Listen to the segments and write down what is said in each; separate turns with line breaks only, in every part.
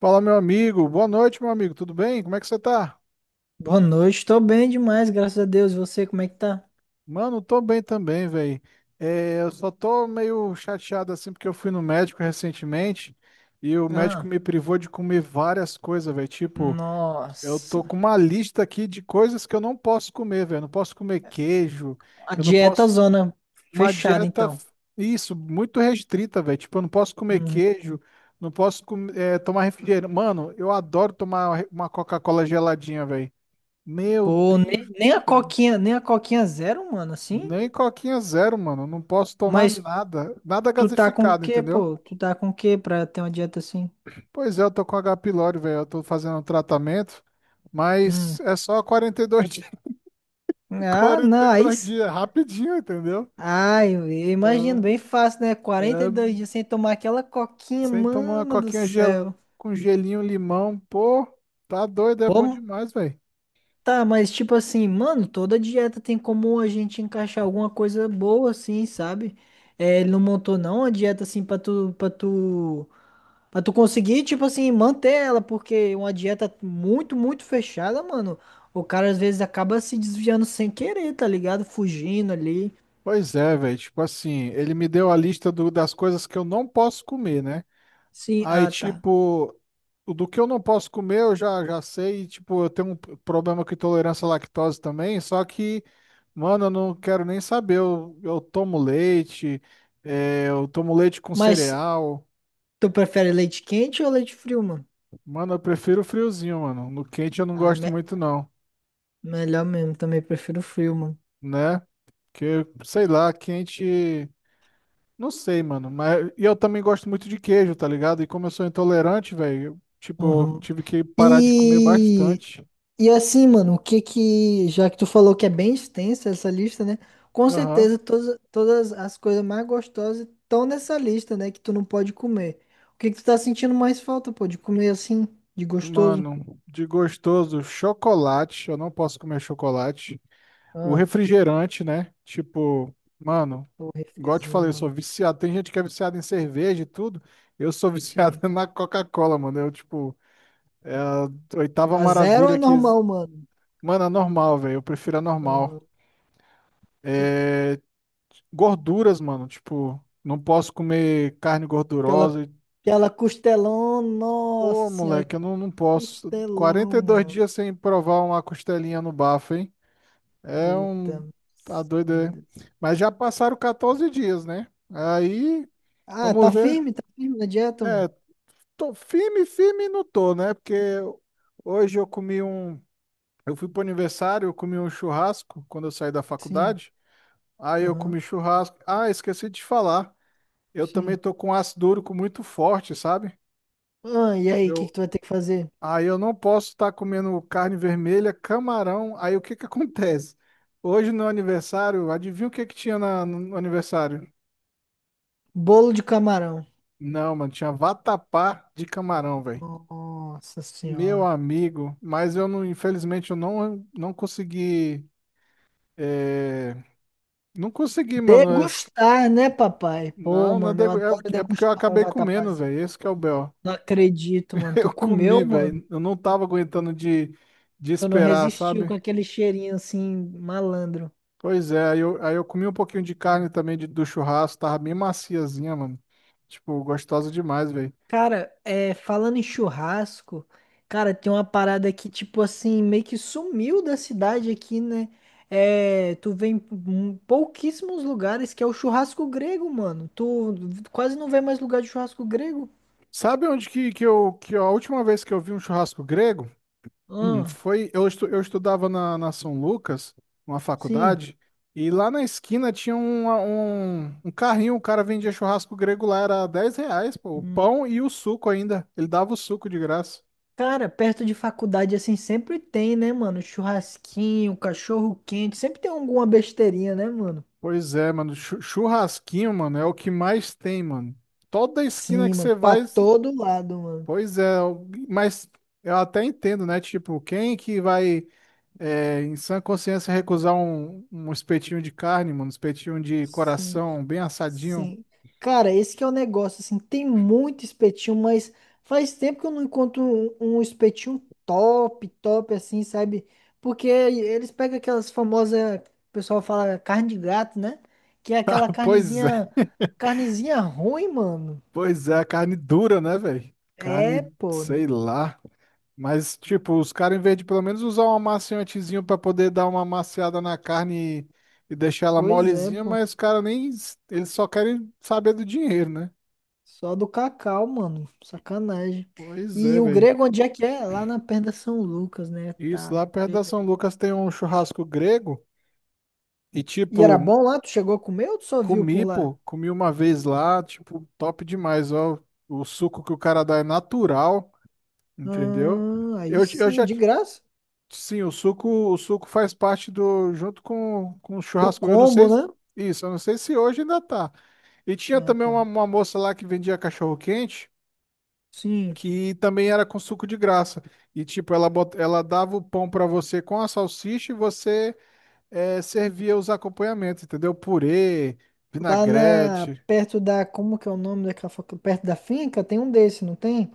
Fala, meu amigo. Boa noite, meu amigo. Tudo bem? Como é que você tá?
Boa noite, tô bem demais, graças a Deus. E você, como é que tá?
Mano, tô bem também, velho. Eu só tô meio chateado assim porque eu fui no médico recentemente e o médico
Ah,
me privou de comer várias coisas, velho. Tipo, eu
nossa.
tô com uma lista aqui de coisas que eu não posso comer, velho. Não posso comer queijo,
A
eu não
dieta
posso.
zona
Uma
fechada,
dieta,
então.
isso, muito restrita, velho. Tipo, eu não posso comer
Uhum.
queijo, não posso tomar refrigerante. Mano, eu adoro tomar uma Coca-Cola geladinha, velho. Meu
Pô,
Deus
nem a
do céu.
coquinha, nem a coquinha zero, mano, assim?
Nem coquinha zero, mano. Não posso tomar
Mas
nada. Nada
tu tá com o
gasificado,
quê,
entendeu?
pô? Tu tá com o quê pra ter uma dieta assim?
Pois é, eu tô com H. pylori, velho. Eu tô fazendo um tratamento.
Hum.
Mas é só 42 dias.
Ah,
Quarenta
não,
e
aí...
dois
s-
dias. Rapidinho, entendeu?
Ai, eu imagino,
Ah,
bem fácil, né? Quarenta e
é.
dois dias sem tomar aquela coquinha,
Sem tomar uma
mano do
coquinha gelada
céu.
com gelinho, limão. Pô, tá doido. É bom
Pô,
demais, velho.
tá, mas tipo assim, mano, toda dieta tem como a gente encaixar alguma coisa boa assim, sabe? É, ele não montou não a dieta assim pra tu conseguir, tipo assim, manter ela, porque uma dieta muito, muito fechada, mano, o cara às vezes acaba se desviando sem querer, tá ligado? Fugindo ali.
Pois é, velho. Tipo assim, ele me deu a lista das coisas que eu não posso comer, né?
Sim,
Aí,
ah, tá.
tipo, o do que eu não posso comer, eu já sei. E tipo, eu tenho um problema com intolerância à lactose também. Só que, mano, eu não quero nem saber. Eu tomo leite, eu tomo leite com
Mas
cereal.
tu prefere leite quente ou leite frio, mano?
Mano, eu prefiro o friozinho, mano. No quente eu não
Ah,
gosto muito, não,
melhor mesmo, também prefiro frio, mano.
né? Porque, sei lá, quente. Não sei, mano. Mas e eu também gosto muito de queijo, tá ligado? E como eu sou intolerante, velho, eu, tipo, eu
Uhum.
tive que parar de comer
E
bastante.
E assim, mano, o que que, já que tu falou que é bem extensa essa lista, né? Com
Aham.
certeza todas, todas as coisas mais gostosas estão nessa lista, né? Que tu não pode comer. O que que tu tá sentindo mais falta, pô, de comer assim, de gostoso?
Mano, de gostoso, chocolate. Eu não posso comer chocolate. O
Ah,
refrigerante, né? Tipo, mano,
o
igual eu te
refrizinho,
falei, eu sou
mano.
viciado. Tem gente que é viciada em cerveja e tudo. Eu sou viciado
Sim.
na Coca-Cola, mano. Eu, tipo, é a oitava
A zero ou a
maravilha que.
normal, mano.
Mano, é normal, velho. Eu prefiro a
Uhum.
normal. É... Gorduras, mano. Tipo, não posso comer carne
Aquela,
gordurosa.
aquela costelão, nossa
Pô,
senhora, que
moleque, eu não, não posso. Quarenta
costelão,
e dois
mano.
dias sem provar uma costelinha no bafo, hein? É um.
Puta
Tá doido, é.
vida.
Mas já passaram 14 dias, né? Aí,
Ah,
vamos ver.
tá firme na dieta, mano.
É, tô firme, firme não tô, né? Porque hoje eu comi um. Eu fui pro aniversário, eu comi um churrasco quando eu saí da
Sim.
faculdade. Aí eu comi churrasco. Ah, esqueci de falar. Eu também
Sim.
tô com ácido úrico muito forte, sabe?
Ah, e aí, o que que
Eu...
tu vai ter que fazer?
Aí eu não posso estar comendo carne vermelha, camarão. Aí o que que acontece? Hoje no aniversário, adivinha o que que tinha no aniversário?
Bolo de camarão.
Não, mano, tinha vatapá de camarão, velho.
Nossa
Meu
senhora.
amigo, mas eu não, infelizmente, eu não, não consegui. é, não consegui, mano.
Degustar, né, papai? Pô,
Não, não é,
mano, eu
degu-
adoro
é, é porque eu
degustar um
acabei comendo,
vatapazinho.
velho. Esse que é o B.O.
Não acredito, mano. Tu
Eu comi,
comeu, mano?
velho. Eu não tava aguentando de
Tu não
esperar,
resistiu
sabe?
com aquele cheirinho assim, malandro.
Pois é, aí eu comi um pouquinho de carne também do churrasco, tava bem maciazinha, mano. Tipo, gostosa demais, velho.
Cara, é, falando em churrasco, cara, tem uma parada que, tipo assim, meio que sumiu da cidade aqui, né? É, tu vê em pouquíssimos lugares que é o churrasco grego, mano. Tu quase não vê mais lugar de churrasco grego.
Sabe onde que a última vez que eu vi um churrasco grego?
Ah,
Foi, eu estudava na São Lucas, uma
sim.
faculdade, e lá na esquina tinha um carrinho, o cara vendia churrasco grego lá, era R$ 10, pô, o pão e o suco ainda. Ele dava o suco de graça.
Cara, perto de faculdade, assim, sempre tem, né, mano? Churrasquinho, cachorro quente, sempre tem alguma besteirinha, né, mano?
Pois é, mano, churrasquinho, mano, é o que mais tem, mano. Toda esquina
Sim,
que
mano,
você
pra
vai,
todo lado, mano.
pois é, mas eu até entendo, né? Tipo, quem que vai, em sã consciência, recusar um espetinho de carne, mano, um espetinho de
Sim.
coração, bem assadinho?
Sim. Cara, esse que é o negócio, assim, tem muito espetinho, mas faz tempo que eu não encontro um espetinho top, top, assim, sabe? Porque eles pegam aquelas famosas, o pessoal fala carne de gato, né? Que é aquela
Pois é,
carnezinha, carnezinha ruim, mano.
pois é, a carne dura, né, velho? Carne,
É, pô.
sei lá. Mas, tipo, os caras, em vez de pelo menos usar um amaciantezinho pra poder dar uma amaciada na carne e deixar ela
Pois é,
molezinha,
pô.
mas os caras nem. Eles só querem saber do dinheiro, né?
Só do Cacau, mano. Sacanagem.
Pois
E
é,
o
velho.
grego, onde é que é? Lá na perna São Lucas, né?
Isso,
Tá.
lá perto da São
Beleza.
Lucas tem um churrasco grego e,
E
tipo,
era bom lá? Tu chegou a comer ou tu só viu por
comi,
lá?
pô, comi uma vez lá, tipo, top demais, ó. O suco que o cara dá é natural, entendeu?
Ah, aí
Eu
sim,
já.
de graça.
Sim, o suco faz parte do, junto com o
Do
churrasco. Eu não
combo,
sei,
né?
isso, eu não sei se hoje ainda tá. E tinha
Ah,
também uma,
tá.
uma moça lá que vendia cachorro-quente,
Sim.
que também era com suco de graça. E tipo, ela, bot, ela dava o pão pra você com a salsicha e você servia os acompanhamentos, entendeu? Purê,
Lá na,
vinagrete.
perto da, como que é o nome daquela, perto da finca, tem um desse, não tem?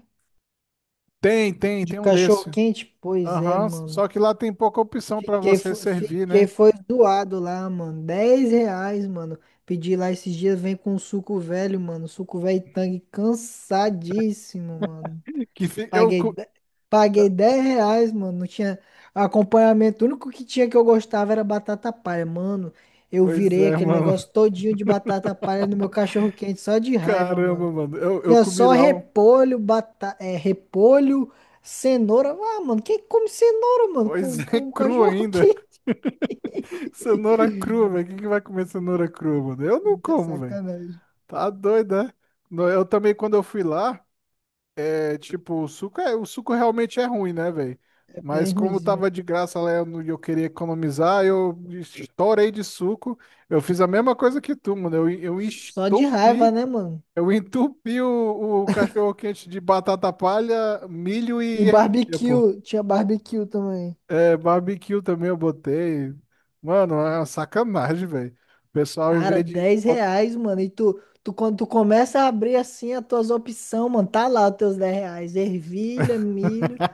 Tem, tem,
De
tem um
cachorro
desse.
quente? Pois é,
Aham,
mano.
só que lá tem pouca opção pra
Fiquei,
você
fo-
servir,
fiquei,
né?
foi doado lá, mano. 10 reais, mano. Pedi lá esses dias, vem com suco velho, mano. Suco velho Tang, cansadíssimo, mano.
Que fi- eu,
Paguei,
cu-
de- paguei 10 reais, mano. Não tinha acompanhamento. O único que tinha que eu gostava era batata palha. Mano, eu
Pois
virei
é,
aquele
mano.
negócio todinho de batata palha no meu cachorro quente, só de raiva, mano.
Caramba, mano. Eu
Tinha
comi
só
lá um.
repolho, cenoura. Ah, mano, quem come cenoura, mano,
Pois
com,
é,
com
cru
cachorro
ainda.
quente?
Cenoura crua, velho. Quem que vai comer cenoura crua, mano? Eu não como, velho.
Sacanagem.
Tá doido, né? Eu também, quando eu fui lá, é tipo, o suco, é, o suco realmente é ruim, né, velho?
É
Mas
bem
como
ruinzinho.
tava de graça lá e eu, eu queria economizar, eu estourei de suco. Eu fiz a mesma coisa que tu, mano. Eu, eu
Só de raiva,
estupi,
né, mano?
eu entupi o cachorro-quente de batata palha, milho
E
e ervilha, pô.
barbecue. Tinha barbecue também.
É, barbecue também eu botei. Mano, é uma sacanagem, velho. O pessoal, em
Cara,
vez de.
10 reais, mano. E quando tu começa a abrir assim as tuas opções, mano, tá lá os teus 10 reais. Ervilha, milho.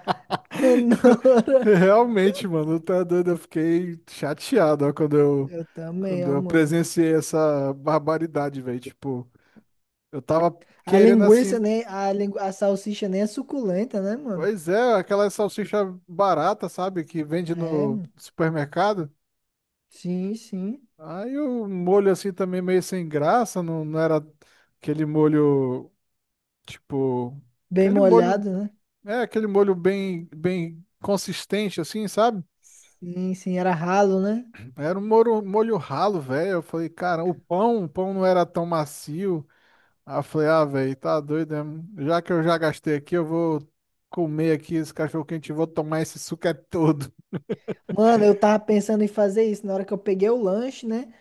É, não.
Realmente, mano, tá doido. Eu fiquei chateado, ó,
Eu também,
quando
ó,
eu
mano.
presenciei essa barbaridade, velho. Tipo, eu tava
A
querendo assim.
linguiça, né? A salsicha nem é suculenta, né, mano?
Pois é, aquela salsicha barata, sabe? Que vende
É,
no
mano.
supermercado.
Sim, sim.
Aí o molho assim também meio sem graça, não, não era aquele molho, tipo.
Bem
Aquele molho.
molhado, né?
É aquele molho bem, bem consistente, assim, sabe?
Sim, sim, era ralo, né?
Era um molho, molho ralo, velho. Eu falei, cara, o pão não era tão macio. Aí eu falei, ah, velho, tá doido, né? Já que eu já gastei aqui, eu vou comer aqui esse cachorro quente e vou tomar esse suco é todo.
Mano, eu tava pensando em fazer isso na hora que eu peguei o lanche, né?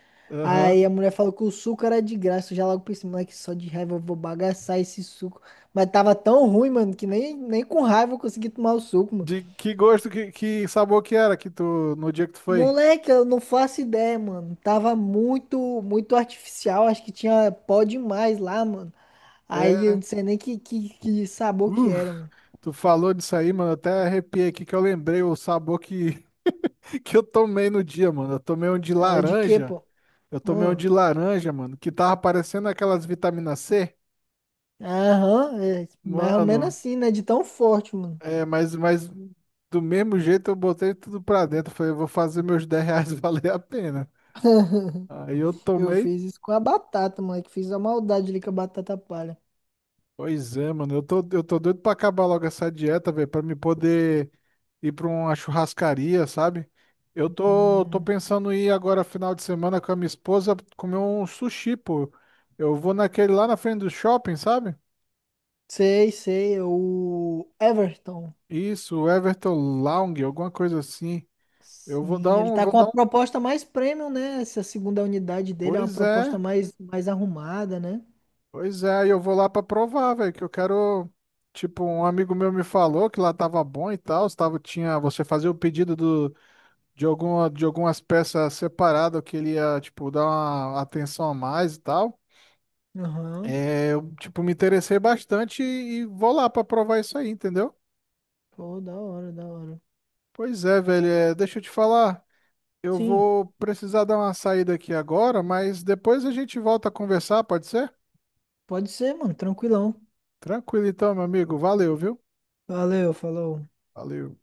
Aí
Aham.
a mulher falou que o suco era de graça. Eu já logo pensei, moleque, só de raiva eu vou bagaçar esse suco. Mas tava tão ruim, mano, que nem com raiva eu consegui tomar o suco, mano.
De que gosto, que sabor que era que tu, no dia que tu foi?
Moleque, eu não faço ideia, mano. Tava muito, muito artificial. Acho que tinha pó demais lá, mano. Aí eu
É,
não sei nem que sabor que
uf,
era, mano.
tu falou disso aí, mano. Até arrepiei aqui que eu lembrei o sabor que, que eu tomei no dia, mano. Eu tomei um de
Era de quê,
laranja.
pô?
Eu tomei um
Hum.
de laranja, mano, que tava parecendo aquelas vitamina C.
Aham, é, mais ou menos
Mano,
assim, né? De tão forte, mano.
é, mas do mesmo jeito eu botei tudo pra dentro. Falei, eu vou fazer meus R$ 10 valer a pena. Aí eu
Eu
tomei.
fiz isso com a batata, moleque. Fiz a maldade ali com a batata palha.
Pois é, mano, eu tô doido pra acabar logo essa dieta, velho, pra me poder ir pra uma churrascaria, sabe? Eu tô
Hum.
pensando em ir agora final de semana com a minha esposa comer um sushi, pô. Eu vou naquele lá na frente do shopping, sabe?
Sei, sei, é o Everton.
Isso, Everton Lounge, alguma coisa assim. Eu vou dar
Sim, ele
um,
tá
vou
com a
dar um.
proposta mais premium, né? Essa segunda unidade dele é uma
Pois
proposta
é,
mais, mais arrumada, né?
pois é, e eu vou lá pra provar, velho, que eu quero. Tipo, um amigo meu me falou que lá tava bom e tal, tava, tinha, você fazia o pedido do, de alguma, de algumas peças separadas que ele ia, tipo, dar uma atenção a mais e tal.
Aham.
É, eu, tipo, me interessei bastante e vou lá pra provar isso aí, entendeu?
Pô, da hora, da hora.
Pois é, velho, é, deixa eu te falar, eu
Sim,
vou precisar dar uma saída aqui agora, mas depois a gente volta a conversar, pode ser?
pode ser, mano, tranquilão.
Tranquilo então, meu amigo, valeu, viu?
Valeu, falou.
Valeu.